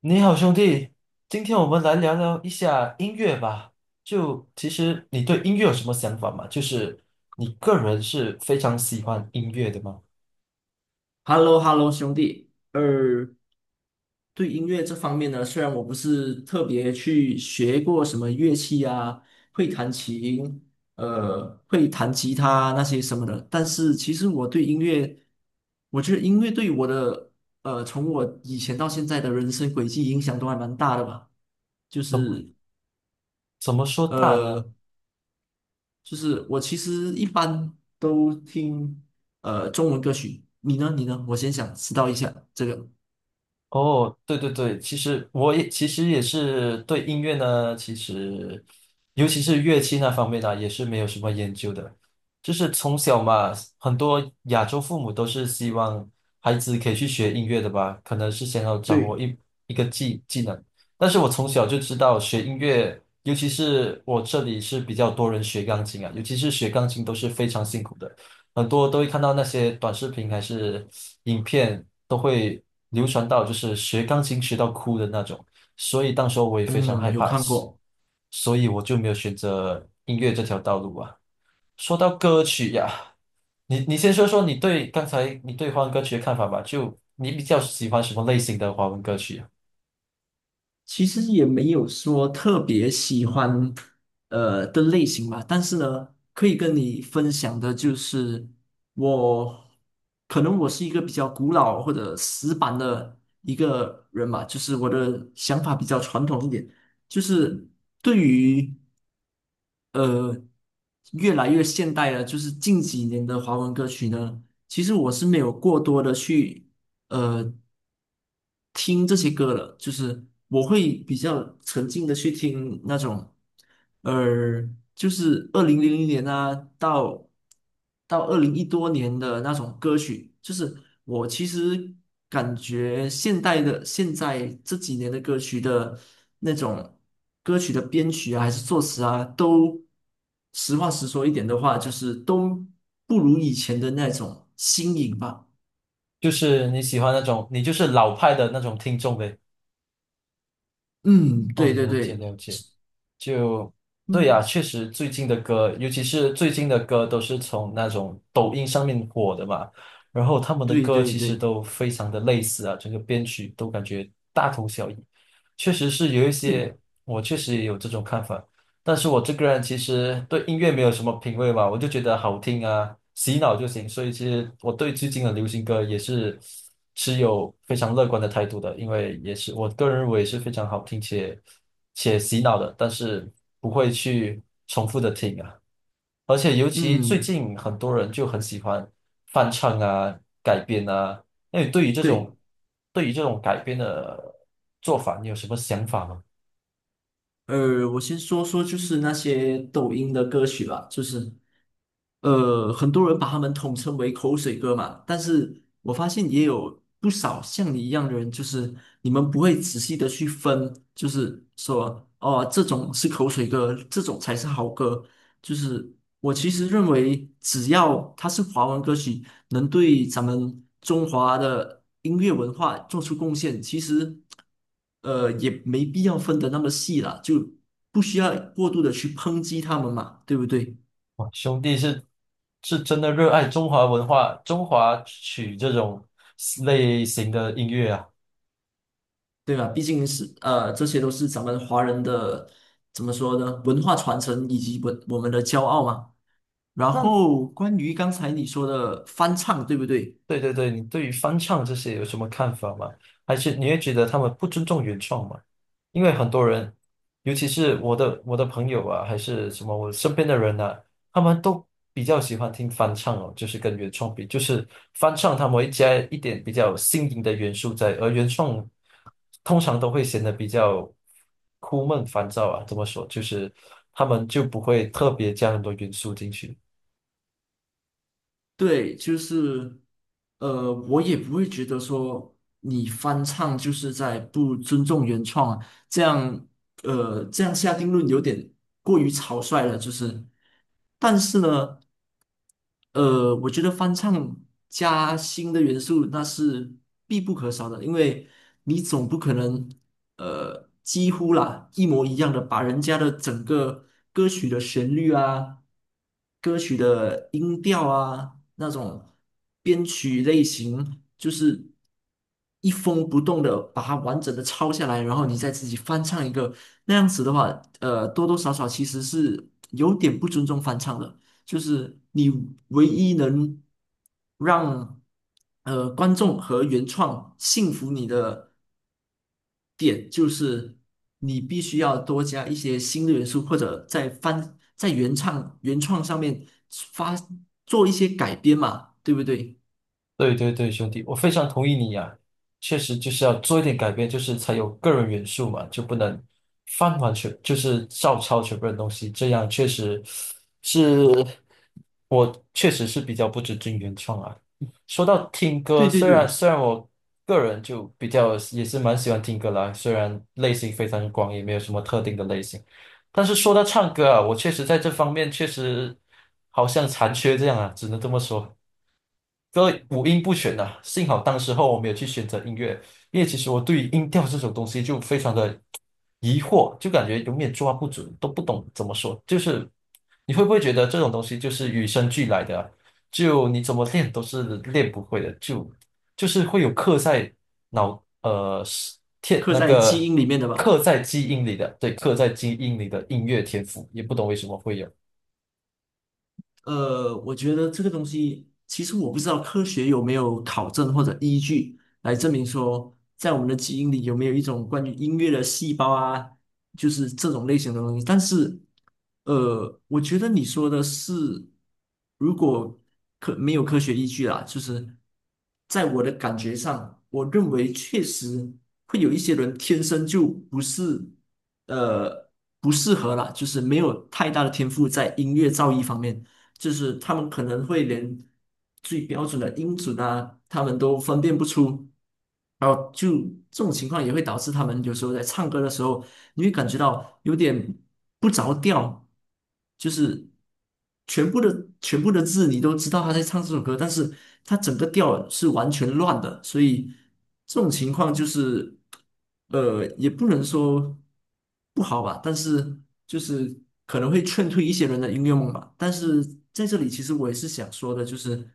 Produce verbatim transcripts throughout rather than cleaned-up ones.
你好，兄弟，今天我们来聊聊一下音乐吧。就其实你对音乐有什么想法吗？就是你个人是非常喜欢音乐的吗？h e l l o h e l l o 兄弟。呃，对音乐这方面呢，虽然我不是特别去学过什么乐器啊，会弹琴，呃，会弹吉他那些什么的，但是其实我对音乐，我觉得音乐对我的，呃，从我以前到现在的人生轨迹影响都还蛮大的吧。就怎么是，怎么说大呢？呃，就是我其实一般都听，呃，中文歌曲。你呢？你呢？我先想知道一下这个。哦，对对对，其实我也其实也是对音乐呢，其实尤其是乐器那方面呢，也是没有什么研究的。就是从小嘛，很多亚洲父母都是希望孩子可以去学音乐的吧，可能是想要掌握对，一一个技技能。但是我从小就知道学音乐，尤其是我这里是比较多人学钢琴啊，尤其是学钢琴都是非常辛苦的。很多都会看到那些短视频还是影片，都会流传到就是学钢琴学到哭的那种，所以当时候我也非常嗯，害有怕，看过。所以我就没有选择音乐这条道路啊。说到歌曲呀，你你先说说你对刚才你对华文歌曲的看法吧，就你比较喜欢什么类型的华文歌曲啊？其实也没有说特别喜欢呃的类型吧，但是呢，可以跟你分享的就是我可能我是一个比较古老或者死板的一个人吧，就是我的想法比较传统一点，就是对于呃越来越现代的，就是近几年的华文歌曲呢，其实我是没有过多的去。呃听这些歌了，就是我会比较沉浸的去听那种，呃，就是二零零零年啊，到到二零一多年的那种歌曲，就是我其实感觉现代的现在这几年的歌曲的那种歌曲的编曲啊、还是作词啊，都实话实说一点的话，就是都不如以前的那种新颖吧。就是你喜欢那种你就是老派的那种听众呗？嗯，哦，对对了解对，了解。就对呀、嗯，确实最近的歌，尤其是最近的歌，都是从那种抖音上面火的嘛。然后他们的对歌对其实对。都非常的类似啊，整个编曲都感觉大同小异。确实是有一对，些，我确实也有这种看法。但是我这个人其实对音乐没有什么品味嘛，我就觉得好听啊，洗脑就行。所以其实我对最近的流行歌也是持有非常乐观的态度的，因为也是我个人认为是非常好听且且洗脑的，但是不会去重复的听啊。而且尤其最嗯，近很多人就很喜欢翻唱啊、改编啊。那你对于这对，种对于这种改编的做法，你有什么想法吗？呃，我先说说就是那些抖音的歌曲吧，就是呃，很多人把他们统称为口水歌嘛，但是我发现也有不少像你一样的人，就是你们不会仔细的去分，就是说哦，这种是口水歌，这种才是好歌。就是我其实认为，只要它是华文歌曲，能对咱们中华的音乐文化做出贡献，其实呃也没必要分得那么细了，就不需要过度的去抨击他们嘛，对不对？哇，兄弟是是真的热爱中华文化、中华曲这种类型的音乐啊。对吧？毕竟是呃，这些都是咱们华人的怎么说呢？文化传承以及我我们的骄傲嘛。然那后关于刚才你说的翻唱，对不对？对对对，你对于翻唱这些有什么看法吗？还是你会觉得他们不尊重原创吗？因为很多人，尤其是我的我的朋友啊，还是什么我身边的人啊，他们都比较喜欢听翻唱哦，就是跟原创比，就是翻唱他们会加一点比较新颖的元素在，而原创通常都会显得比较枯闷烦躁啊。怎么说？就是他们就不会特别加很多元素进去。对，就是呃，我也不会觉得说你翻唱就是在不尊重原创啊。这样呃这样下定论有点过于草率了，就是，但是呢，呃，我觉得翻唱加新的元素那是必不可少的，因为你总不可能呃几乎啦一模一样的把人家的整个歌曲的旋律啊、歌曲的音调啊那种编曲类型就是。一封不动的把它完整的抄下来，然后你再自己翻唱一个，那样子的话，呃，多多少少其实是有点不尊重翻唱的，就是你唯一能让呃观众和原创信服你的点，就是你必须要多加一些新的元素，或者在翻在原唱原创上面发做一些改编嘛，对不对？对对对，兄弟，我非常同意你呀、确实就是要做一点改变，就是才有个人元素嘛，就不能翻完全就是照抄全部的东西，这样确实是我确实是比较不尊重原创啊。说到听歌，对对虽然对，虽然我个人就比较也是蛮喜欢听歌啦，虽然类型非常广，也没有什么特定的类型，但是说到唱歌啊，我确实在这方面确实好像残缺这样啊，只能这么说。这五音不全呐、幸好当时候我没有去选择音乐，因为其实我对于音调这种东西就非常的疑惑，就感觉永远抓不准，都不懂怎么说。就是你会不会觉得这种东西就是与生俱来的啊就你怎么练都是练不会的，就就是会有刻在脑呃是天刻那在基个因里面的吧。刻在基因里的，对，刻在基因里的音乐天赋，也不懂为什么会有。呃，我觉得这个东西，其实我不知道科学有没有考证或者依据来证明说，在我们的基因里有没有一种关于音乐的细胞啊，就是这种类型的东西。但是，呃，我觉得你说的是，如果科没有科学依据啦，就是在我的感觉上，我认为确实会有一些人天生就不是，呃，不适合啦，就是没有太大的天赋在音乐造诣方面。就是他们可能会连最标准的音准啊，他们都分辨不出，然后就这种情况也会导致他们有时候在唱歌的时候，你会感觉到有点不着调，就是全部的全部的字你都知道他在唱这首歌，但是他整个调是完全乱的，所以这种情况就是，呃，也不能说。不好吧，但是就是可能会劝退一些人的音乐梦吧。但是在这里，其实我也是想说的，就是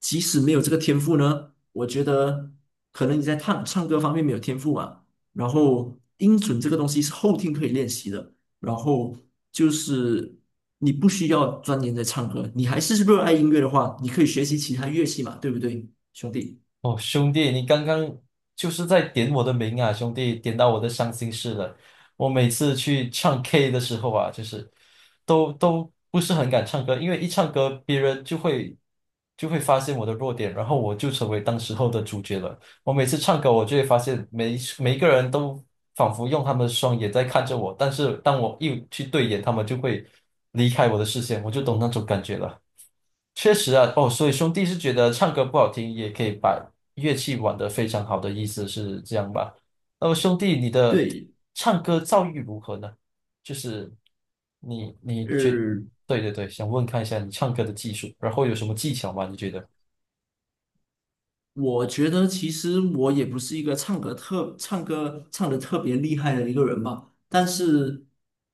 即使没有这个天赋呢，我觉得可能你在唱唱歌方面没有天赋啊。然后音准这个东西是后天可以练习的，然后就是你不需要钻研在唱歌，你还是热爱音乐的话，你可以学习其他乐器嘛，对不对，兄弟？哦，兄弟，你刚刚就是在点我的名啊，兄弟，点到我的伤心事了。我每次去唱 K 的时候啊，就是都都不是很敢唱歌，因为一唱歌，别人就会就会发现我的弱点，然后我就成为当时候的主角了。我每次唱歌，我就会发现每每一个人都仿佛用他们的双眼在看着我，但是当我一去对眼，他们就会离开我的视线，我就懂那种感觉了。确实啊，哦，所以兄弟是觉得唱歌不好听，也可以把乐器玩得非常好的意思是这样吧？那么兄弟，你的对，唱歌造诣如何呢？就是你你觉，呃，对对对，想问看一下你唱歌的技术，然后有什么技巧吗？你觉得？我觉得其实我也不是一个唱歌特唱歌唱的特别厉害的一个人吧，但是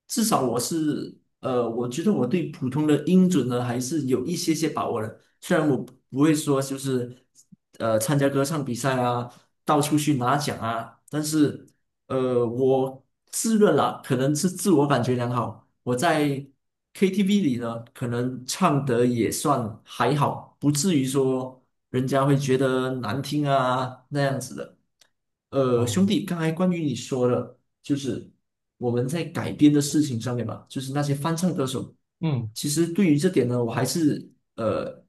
至少我是呃，我觉得我对普通的音准呢还是有一些些把握的。虽然我不不会说就是呃参加歌唱比赛啊，到处去拿奖啊，但是呃，我自认啦，可能是自我感觉良好。我在 K T V 里呢，可能唱得也算还好，不至于说人家会觉得难听啊那样子的。呃，兄嗯。弟，刚才关于你说的，就是我们在改编的事情上面嘛，就是那些翻唱歌手，嗯。其实对于这点呢，我还是呃，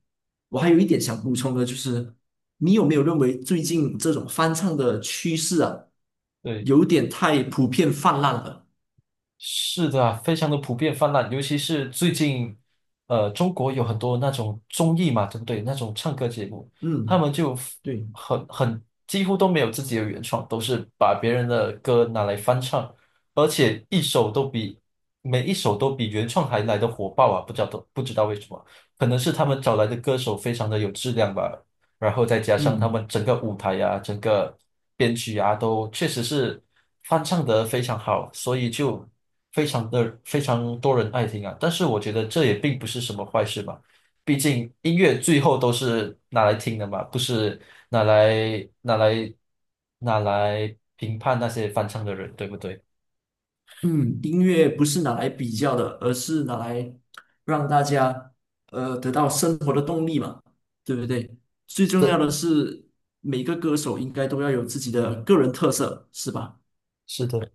我还有一点想补充的，就是。你有没有认为最近这种翻唱的趋势啊，对。有点太普遍泛滥了？是的啊，非常的普遍泛滥，尤其是最近，呃，中国有很多那种综艺嘛，对不对？那种唱歌节目，他嗯们就 f- 对，很很几乎都没有自己的原创，都是把别人的歌拿来翻唱，而且一首都比每一首都比原创还来的火爆啊！不知道不知道为什么，可能是他们找来的歌手非常的有质量吧，然后再加上他嗯们整个舞台呀，整个编曲啊，都确实是翻唱的非常好，所以就非常的非常多人爱听啊。但是我觉得这也并不是什么坏事嘛，毕竟音乐最后都是拿来听的嘛，不是拿来拿来拿来评判那些翻唱的人，对不对？嗯，音乐不是拿来比较的，而是拿来让大家呃得到生活的动力嘛，对不对？最重要这的是每个歌手应该都要有自己的个人特色，是吧？是的。